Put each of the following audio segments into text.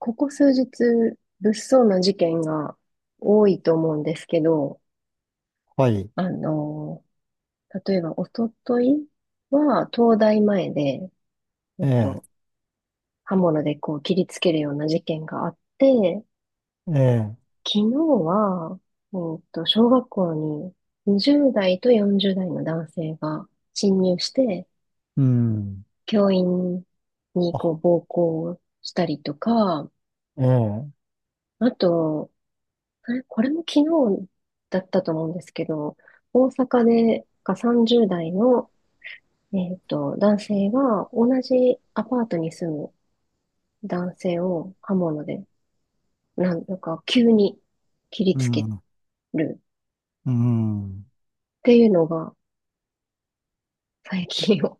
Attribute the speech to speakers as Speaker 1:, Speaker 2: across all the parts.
Speaker 1: ここ数日、物騒な事件が多いと思うんですけど、
Speaker 2: はい。
Speaker 1: あの、例えば、おとといは、東大前で、え
Speaker 2: え
Speaker 1: っ
Speaker 2: え、
Speaker 1: と、刃物でこう切りつけるような事件があって、
Speaker 2: ええ、
Speaker 1: 昨日は、小学校に20代と40代の男性が侵入して、
Speaker 2: うん。
Speaker 1: 教員にこ
Speaker 2: あ、
Speaker 1: う暴行したりとか、
Speaker 2: ええ、
Speaker 1: あと、これも昨日だったと思うんですけど、大阪でが30代の、男性が同じアパートに住む男性を刃物で、なんとか急に切り
Speaker 2: う
Speaker 1: つけ
Speaker 2: ん、
Speaker 1: る
Speaker 2: うん。
Speaker 1: っていうのが最近 起こ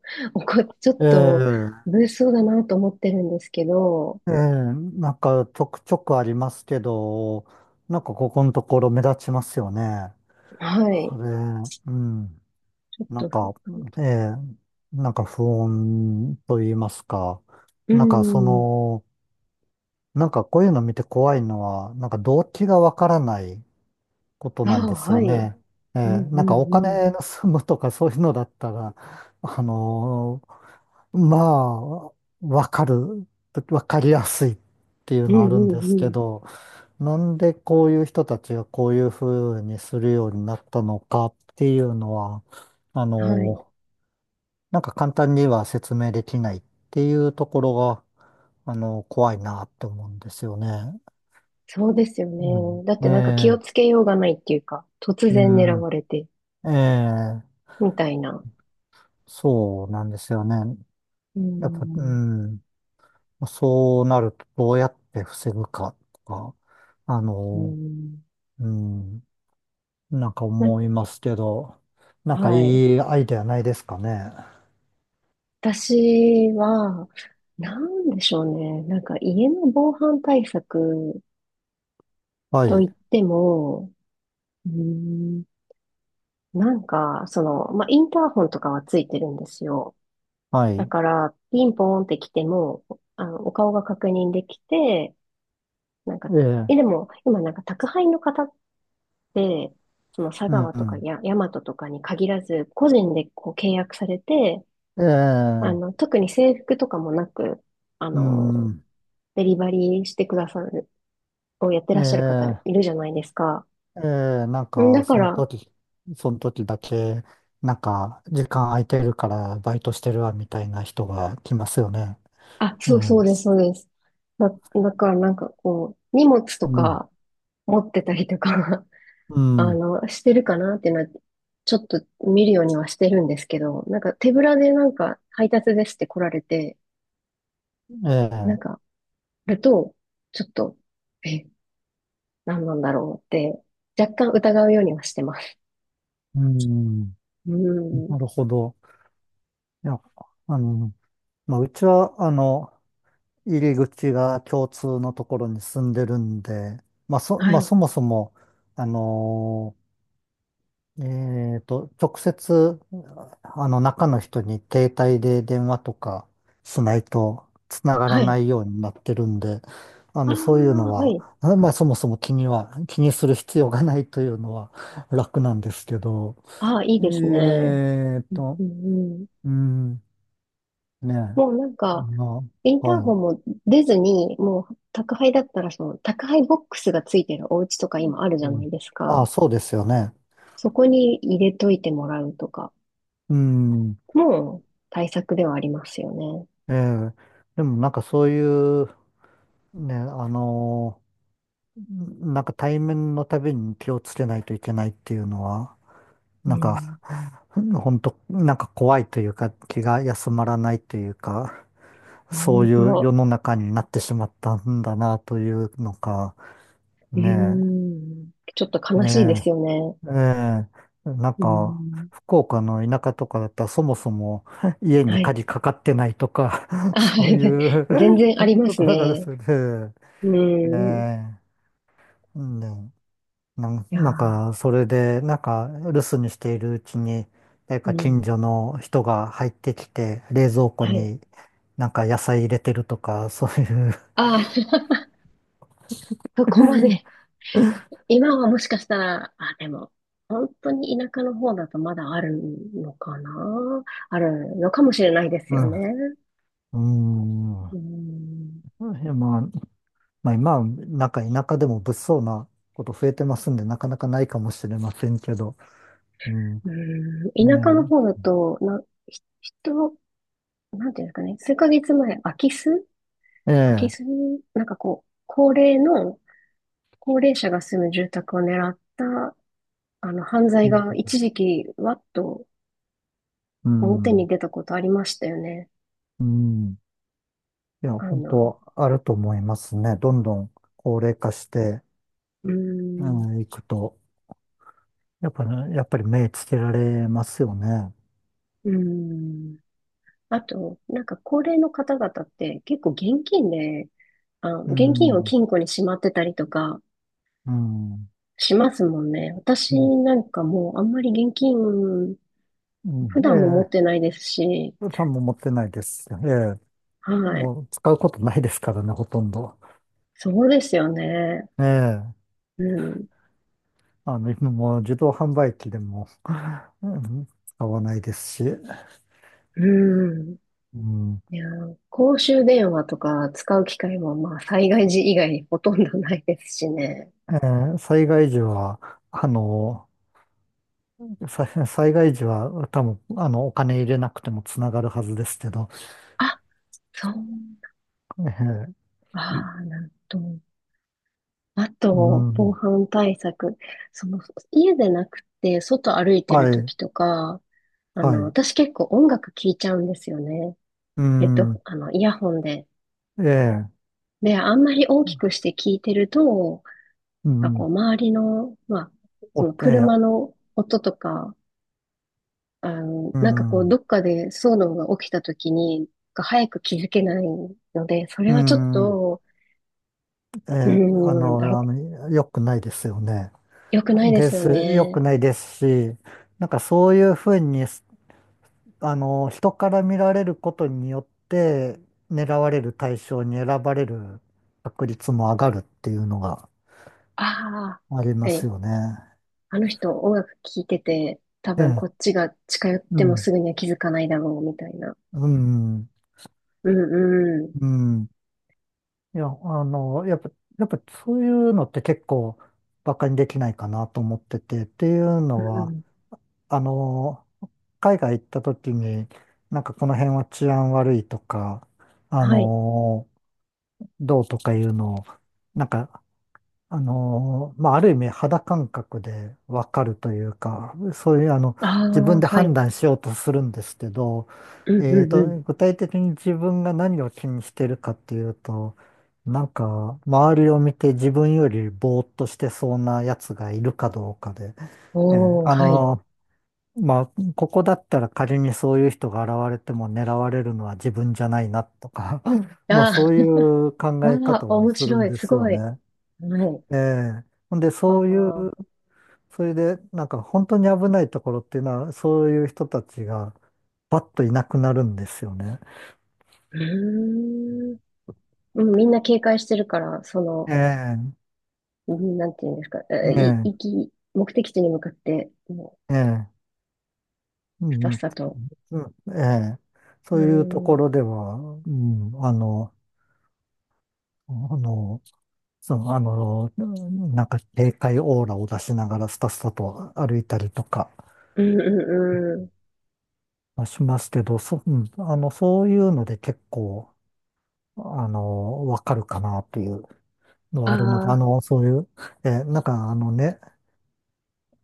Speaker 1: っ、ちょ
Speaker 2: え
Speaker 1: っと
Speaker 2: え、
Speaker 1: 物騒だなと思ってるんですけど。
Speaker 2: ええ、なんかちょくちょくありますけど、なんかここのところ目立ちますよね。
Speaker 1: は
Speaker 2: あ
Speaker 1: い。
Speaker 2: れ、うん。
Speaker 1: ちょっ
Speaker 2: なん
Speaker 1: と。
Speaker 2: か、ええ、なんか不穏と言いますか。
Speaker 1: う
Speaker 2: なんかそ
Speaker 1: ん。
Speaker 2: の、なんかこういうの見て怖いのは、なんか動機がわからないこと
Speaker 1: あ
Speaker 2: なん
Speaker 1: あ、
Speaker 2: です
Speaker 1: は
Speaker 2: よ
Speaker 1: い。
Speaker 2: ね。え
Speaker 1: うんう
Speaker 2: え、なんかお
Speaker 1: んうん。
Speaker 2: 金盗むとかそういうのだったら、あのまあ、わかる、わかりやすいっていう
Speaker 1: う
Speaker 2: の
Speaker 1: ん
Speaker 2: はあるん
Speaker 1: うん
Speaker 2: です
Speaker 1: う
Speaker 2: け
Speaker 1: ん。
Speaker 2: ど、なんでこういう人たちがこういうふうにするようになったのかっていうのは、あ
Speaker 1: はい。
Speaker 2: のーなんか簡単には説明できないっていうところが、あの怖いなって思うんですよね。
Speaker 1: そうですよね。だっ
Speaker 2: うん、え
Speaker 1: てなんか気を
Speaker 2: え、
Speaker 1: つけようがないっていうか、突然狙
Speaker 2: う
Speaker 1: われて、
Speaker 2: ん、ええ、
Speaker 1: みたいな。
Speaker 2: そうなんですよね。
Speaker 1: う
Speaker 2: やっぱ、う
Speaker 1: ん。
Speaker 2: ん、そうなるとどうやって防ぐかとか、あ
Speaker 1: う
Speaker 2: の、
Speaker 1: ん。
Speaker 2: うん、なんか
Speaker 1: な、
Speaker 2: 思いますけど、なんかい
Speaker 1: はい。
Speaker 2: いアイデアないですかね。
Speaker 1: 私は、なんでしょうね。なんか家の防犯対策
Speaker 2: は
Speaker 1: と
Speaker 2: い、
Speaker 1: いっても、うん、なんか、まあ、インターホンとかはついてるんですよ。
Speaker 2: は
Speaker 1: だ
Speaker 2: い、
Speaker 1: から、ピンポーンって来ても、お顔が確認できて、なんか、
Speaker 2: ええ、
Speaker 1: え、でも、今なんか宅配の方で、その佐
Speaker 2: うん、
Speaker 1: 川
Speaker 2: う
Speaker 1: とか
Speaker 2: ん、
Speaker 1: や、大和とかに限らず、個人でこう契約されて、
Speaker 2: ええ、
Speaker 1: 特に制服とかもなく、あ
Speaker 2: う
Speaker 1: の、
Speaker 2: ん、
Speaker 1: デリバリーしてくださる、をやって
Speaker 2: え
Speaker 1: らっしゃる方い
Speaker 2: え、
Speaker 1: るじゃないですか。
Speaker 2: ええ、なん
Speaker 1: ん
Speaker 2: か
Speaker 1: だか
Speaker 2: その
Speaker 1: ら、
Speaker 2: 時、その時だけ、なんか時間空いてるからバイトしてるわみたいな人が来ますよね。
Speaker 1: あ、
Speaker 2: う
Speaker 1: そうそう
Speaker 2: ん、
Speaker 1: です、そうです。だからなんかこう、荷物と
Speaker 2: うん、
Speaker 1: か持ってたりとか
Speaker 2: う ん。
Speaker 1: してるかなってな、ちょっと見るようにはしてるんですけど、なんか手ぶらでなんか配達ですって来られて、
Speaker 2: え
Speaker 1: なん
Speaker 2: え、
Speaker 1: か、ると、ちょっと、え、何なんだろうって、若干疑うようにはしてます。
Speaker 2: うん、
Speaker 1: うん。
Speaker 2: なるほど。いや、あの、まあ、うちは、入り口が共通のところに住んでるんで、まあ、そ、
Speaker 1: は
Speaker 2: まあ、
Speaker 1: い。
Speaker 2: そもそも、あの、直接、中の人に携帯で電話とかしないと繋がら
Speaker 1: は
Speaker 2: な
Speaker 1: い。
Speaker 2: いようになってるんで、あ
Speaker 1: ああ、
Speaker 2: の、そういうの
Speaker 1: は
Speaker 2: は、
Speaker 1: い。
Speaker 2: あまあ、そもそも気には、気にする必要がないというのは楽なんですけど、
Speaker 1: ああ、いい
Speaker 2: え
Speaker 1: ですね。
Speaker 2: ーっ
Speaker 1: うん、
Speaker 2: と、
Speaker 1: うん、うん。
Speaker 2: うん、ねえ。
Speaker 1: もうなんか、
Speaker 2: ま
Speaker 1: イン
Speaker 2: あ、
Speaker 1: ター
Speaker 2: は
Speaker 1: ホ
Speaker 2: い。
Speaker 1: ンも出ずに、もう宅配だったら、その宅配ボックスがついてるお家とか今あるじ
Speaker 2: う
Speaker 1: ゃな
Speaker 2: ん、
Speaker 1: いです
Speaker 2: ああ、
Speaker 1: か。
Speaker 2: そうですよね。
Speaker 1: そこに入れといてもらうとか、
Speaker 2: うん。
Speaker 1: もう対策ではありますよね。
Speaker 2: ええ。でもなんかそういう、ね、あのんなんか対面のたびに気をつけないといけないっていうのは、
Speaker 1: う
Speaker 2: なんか、
Speaker 1: ん。
Speaker 2: 本当なんか怖いというか、気が休まらないというか、
Speaker 1: あ
Speaker 2: そ
Speaker 1: 本
Speaker 2: ういう世
Speaker 1: 当。
Speaker 2: の中になってしまったんだなというのか、
Speaker 1: う
Speaker 2: ね
Speaker 1: ん。ちょっと
Speaker 2: え。
Speaker 1: 悲しいですよ
Speaker 2: え
Speaker 1: ね。
Speaker 2: え、ええ、なん
Speaker 1: う
Speaker 2: か、
Speaker 1: ん。
Speaker 2: 福岡の田舎とかだったらそもそも 家に
Speaker 1: はい。
Speaker 2: 鍵かかってないとか
Speaker 1: あ、は
Speaker 2: そうい
Speaker 1: い。全
Speaker 2: う
Speaker 1: 然あり ま
Speaker 2: と
Speaker 1: す
Speaker 2: ころがある、
Speaker 1: ね。
Speaker 2: それで、
Speaker 1: う
Speaker 2: え
Speaker 1: ん。い
Speaker 2: え、うん、ね、なん、
Speaker 1: や
Speaker 2: なん
Speaker 1: ー、
Speaker 2: か、それで、なんか、留守にしているうちに、誰
Speaker 1: う
Speaker 2: か近
Speaker 1: ん。
Speaker 2: 所の人が入ってきて、冷蔵庫
Speaker 1: はい。
Speaker 2: になんか野菜入れてるとか、そういう
Speaker 1: あー、そこまで。今はもしかしたら、あ、でも、本当に田舎の方だとまだあるのかなあるのかもしれないですよね。
Speaker 2: うん。う
Speaker 1: う
Speaker 2: ん。
Speaker 1: ん。
Speaker 2: うん。まあ今はなんか田舎でも物騒なこと増えてますんで、なかなかないかもしれませんけど。うん。
Speaker 1: うん。
Speaker 2: ね
Speaker 1: 田舎の方だと、な、ひ人、なんていうんですかね。数ヶ月前、
Speaker 2: え。え
Speaker 1: 空き巣
Speaker 2: え。
Speaker 1: なんかこう、高齢者が住む住宅を狙った犯罪が一時期、わっと
Speaker 2: う
Speaker 1: 表に
Speaker 2: ん。
Speaker 1: 出たことありましたよね。
Speaker 2: うん。いや、
Speaker 1: あ
Speaker 2: 本
Speaker 1: の、
Speaker 2: 当あると思いますね。どんどん高齢化して、
Speaker 1: うーん、
Speaker 2: うん、いくと、やっぱり、やっぱり目つけられますよね。
Speaker 1: うーん。あと、なんか高齢の方々って結構現金で、あ、
Speaker 2: う
Speaker 1: 現金を
Speaker 2: ん。
Speaker 1: 金庫にしまってたりとか
Speaker 2: うん。う
Speaker 1: しますもんね。私
Speaker 2: ん。
Speaker 1: なんかもうあんまり現金、
Speaker 2: う
Speaker 1: 普
Speaker 2: ん、え
Speaker 1: 段も持っ
Speaker 2: え。
Speaker 1: てないですし、
Speaker 2: 予算も持ってないです。ええ。
Speaker 1: はい。
Speaker 2: もう使うことないですからね、ほとんど。
Speaker 1: そうですよね。
Speaker 2: ええ。
Speaker 1: うん、
Speaker 2: あの、今もう自動販売機でも、うん、使わないですし、う
Speaker 1: うん。
Speaker 2: ん、
Speaker 1: いやー、公衆電話とか使う機会もまあ災害時以外にほとんどないですしね。
Speaker 2: えー災害時は、あの、さ災害時は多分、あの、お金入れなくてもつながるはずですけど、
Speaker 1: あ、そう。
Speaker 2: えー
Speaker 1: ああ、なんと。あ
Speaker 2: う
Speaker 1: と、防
Speaker 2: ん、
Speaker 1: 犯対策。その、家でなくて、外歩いてる
Speaker 2: はい、
Speaker 1: 時とか、
Speaker 2: はい、
Speaker 1: 私結構音楽聴いちゃうんですよね。
Speaker 2: うん、
Speaker 1: イヤホンで。
Speaker 2: ええ、
Speaker 1: で、あんまり大きくして聴いてると、
Speaker 2: う
Speaker 1: なんかこう、
Speaker 2: ん、
Speaker 1: 周りの、まあ、
Speaker 2: お
Speaker 1: そ
Speaker 2: っ
Speaker 1: の
Speaker 2: て、え
Speaker 1: 車
Speaker 2: え、
Speaker 1: の音とか
Speaker 2: う
Speaker 1: なんかこう、ど
Speaker 2: ん、
Speaker 1: っかで騒動が起きた時に、早く気づけないので、そ
Speaker 2: う
Speaker 1: れはちょっ
Speaker 2: ん、
Speaker 1: と、
Speaker 2: ええ、
Speaker 1: う
Speaker 2: あ
Speaker 1: ーん、あら、
Speaker 2: の、あの、良くないですよね。
Speaker 1: 良くないで
Speaker 2: で
Speaker 1: すよ
Speaker 2: す、良く
Speaker 1: ね。
Speaker 2: ないですし、なんかそういうふうに、あの、人から見られることによって、狙われる対象に選ばれる確率も上がるっていうのが
Speaker 1: ああ、
Speaker 2: あり
Speaker 1: 確
Speaker 2: ま
Speaker 1: か
Speaker 2: す
Speaker 1: に。
Speaker 2: よね。
Speaker 1: あの人音楽聴いてて、多
Speaker 2: え
Speaker 1: 分こ
Speaker 2: え、
Speaker 1: っちが近寄っ
Speaker 2: う
Speaker 1: ても
Speaker 2: ん、
Speaker 1: すぐには気づかないだろう、みたいな。
Speaker 2: うん、
Speaker 1: うんうん。
Speaker 2: うん。いや、あの、やっぱ、やっぱそういうのって結構バカにできないかなと思ってて、っていう
Speaker 1: う
Speaker 2: のは、
Speaker 1: ん。
Speaker 2: あの、海外行った時に、なんかこの辺は治安悪いとか、あ
Speaker 1: はい。
Speaker 2: の、どうとかいうのを、なんかまあ、ある意味肌感覚でわかるというか、そういうあの、
Speaker 1: あ
Speaker 2: 自分
Speaker 1: あ、
Speaker 2: で
Speaker 1: は
Speaker 2: 判
Speaker 1: い。
Speaker 2: 断しようとするんですけど、
Speaker 1: うん
Speaker 2: え
Speaker 1: う
Speaker 2: ー
Speaker 1: んう
Speaker 2: と、
Speaker 1: ん。
Speaker 2: 具体的に自分が何を気にしてるかっていうと、なんか、周りを見て自分よりぼーっとしてそうなやつがいるかどうかで、えー
Speaker 1: おー、
Speaker 2: あ
Speaker 1: はい。
Speaker 2: のまあ、ここだったら仮にそういう人が現れても狙われるのは自分じゃないなとか、まあ、そ
Speaker 1: あ
Speaker 2: うい
Speaker 1: ー
Speaker 2: う 考え
Speaker 1: あ
Speaker 2: 方
Speaker 1: ー、
Speaker 2: を
Speaker 1: 面
Speaker 2: する
Speaker 1: 白
Speaker 2: ん
Speaker 1: い。
Speaker 2: で
Speaker 1: す
Speaker 2: すよ
Speaker 1: ごい。
Speaker 2: ね。
Speaker 1: はい。
Speaker 2: ええ。ほんで、
Speaker 1: あ
Speaker 2: そういう、
Speaker 1: あ、
Speaker 2: それで、なんか本当に危ないところっていうのは、そういう人たちがパッといなくなるんですよね。
Speaker 1: うーん。うん、みんな警戒してるから、そ
Speaker 2: え
Speaker 1: の、
Speaker 2: え、
Speaker 1: うんなんていうんですか、え
Speaker 2: え
Speaker 1: い、行
Speaker 2: え、
Speaker 1: き、目的地に向かって、も
Speaker 2: ええ、う
Speaker 1: う、さっ
Speaker 2: ん、
Speaker 1: さと。
Speaker 2: うん、ええ。
Speaker 1: う
Speaker 2: そういうと
Speaker 1: ん、う
Speaker 2: こ
Speaker 1: ん、
Speaker 2: ろでは、うん、あの、あの、その、あの、なんか警戒オーラを出しながらスタスタと歩いたりとか
Speaker 1: うん、うん。
Speaker 2: まあしますけど、そ、うん、あの、そういうので結構、あの、わかるかなというの
Speaker 1: あ
Speaker 2: あるので、あ
Speaker 1: あ、
Speaker 2: の、そういう、なんかあのね、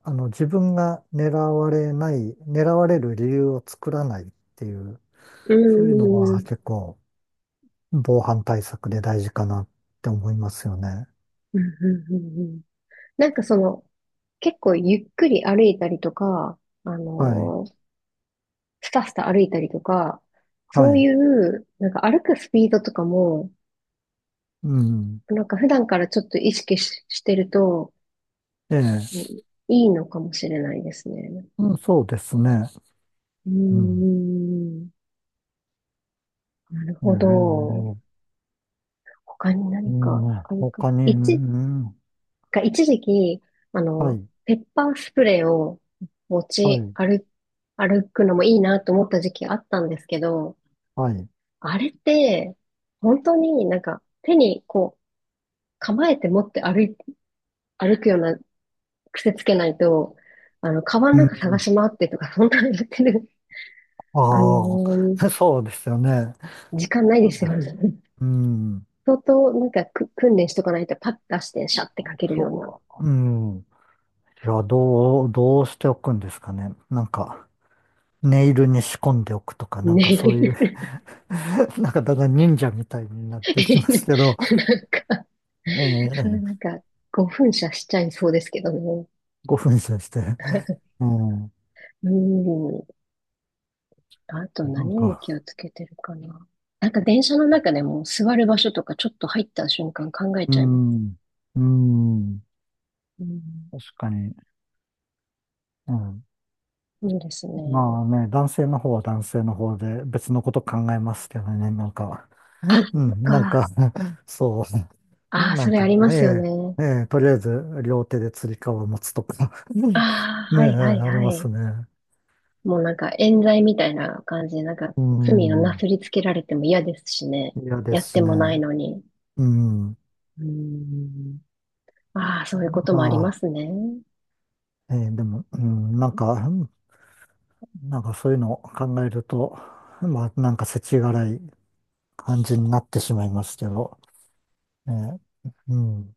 Speaker 2: あの、自分が狙われない、狙われる理由を作らないっていう、
Speaker 1: う
Speaker 2: そういうの
Speaker 1: ん、う
Speaker 2: は
Speaker 1: ん、
Speaker 2: 結構防犯対策で大事かなって思いますよね。
Speaker 1: うん、うんうんうん。なんかその、結構ゆっくり歩いたりとか、あ
Speaker 2: はい。
Speaker 1: のースタスタ歩いたりとか、
Speaker 2: は
Speaker 1: そうい
Speaker 2: い。
Speaker 1: う、なんか歩くスピードとかも、
Speaker 2: うん。
Speaker 1: なんか普段からちょっと意識し、してると、
Speaker 2: え
Speaker 1: うん
Speaker 2: え。
Speaker 1: いいのかもしれないですね。
Speaker 2: うん、そうですね。
Speaker 1: う
Speaker 2: うん。
Speaker 1: ん。なる
Speaker 2: え
Speaker 1: ほ
Speaker 2: え。
Speaker 1: ど。他に
Speaker 2: う
Speaker 1: 何
Speaker 2: ん、
Speaker 1: かあるか。
Speaker 2: 他に、う
Speaker 1: 一、
Speaker 2: ん、
Speaker 1: が一時期、あ
Speaker 2: は
Speaker 1: の、
Speaker 2: い。
Speaker 1: ペッパースプレーを持
Speaker 2: は
Speaker 1: ち
Speaker 2: い。
Speaker 1: 歩、歩くのもいいなと思った時期あったんですけど、
Speaker 2: はい。
Speaker 1: あれって、本当になんか手にこう構えて持って歩い、歩くような癖つけないと、あの、カバン
Speaker 2: う
Speaker 1: の中探
Speaker 2: ん。
Speaker 1: し回ってとか、そんなのやってる、あの
Speaker 2: ああ、
Speaker 1: ー
Speaker 2: そうですよね。
Speaker 1: 時間ないですよね。
Speaker 2: うん。
Speaker 1: 相当なんかく訓練しとかないとパッと出してシャッてかけるような。
Speaker 2: そう。うん。いや、どう、どうしておくんですかね。なんか、ネイルに仕込んでおくとか、なんかそういう
Speaker 1: ね。
Speaker 2: なんかだんだん忍者みたいになっていきますけど、
Speaker 1: なんか、なん
Speaker 2: ええ、
Speaker 1: か、5分射しちゃいそうですけどね。
Speaker 2: 5分じゃして、うん、
Speaker 1: うん。あと
Speaker 2: な
Speaker 1: 何
Speaker 2: ん
Speaker 1: に気
Speaker 2: か、
Speaker 1: をつけてるかな。なんか電車の中でも座る場所とかちょっと入った瞬間考え
Speaker 2: う
Speaker 1: ちゃいます。
Speaker 2: ん、うん、
Speaker 1: うん。
Speaker 2: 確かに、うん。
Speaker 1: そうですね。
Speaker 2: まあね、男性の方は男性の方で別のこと考えますけどね、なんか、
Speaker 1: あ、
Speaker 2: う
Speaker 1: そっ
Speaker 2: ん、なん
Speaker 1: か。
Speaker 2: か、そう。
Speaker 1: ああ、
Speaker 2: な
Speaker 1: そ
Speaker 2: ん
Speaker 1: れあ
Speaker 2: か、
Speaker 1: りますよ
Speaker 2: え
Speaker 1: ね。
Speaker 2: え、ええ、とりあえず両手で釣り革を持つとか
Speaker 1: あ あ、
Speaker 2: ね
Speaker 1: は
Speaker 2: え、
Speaker 1: いはい
Speaker 2: あり
Speaker 1: は
Speaker 2: ます
Speaker 1: い。
Speaker 2: ね。
Speaker 1: もうなんか冤罪みたいな感じで、なんか
Speaker 2: う
Speaker 1: 罪をな
Speaker 2: ん、
Speaker 1: すりつけられても嫌ですしね。
Speaker 2: 嫌で
Speaker 1: やっ
Speaker 2: す
Speaker 1: て
Speaker 2: し
Speaker 1: もない
Speaker 2: ね。
Speaker 1: のに。
Speaker 2: うん、
Speaker 1: うん。ああ、そういうこともありま
Speaker 2: あ
Speaker 1: すね。
Speaker 2: あ、ええ、でも、うん、なんか、なんかそういうのを考えると、まあ、なんか世知辛い感じになってしまいますけど、ねえ、うん。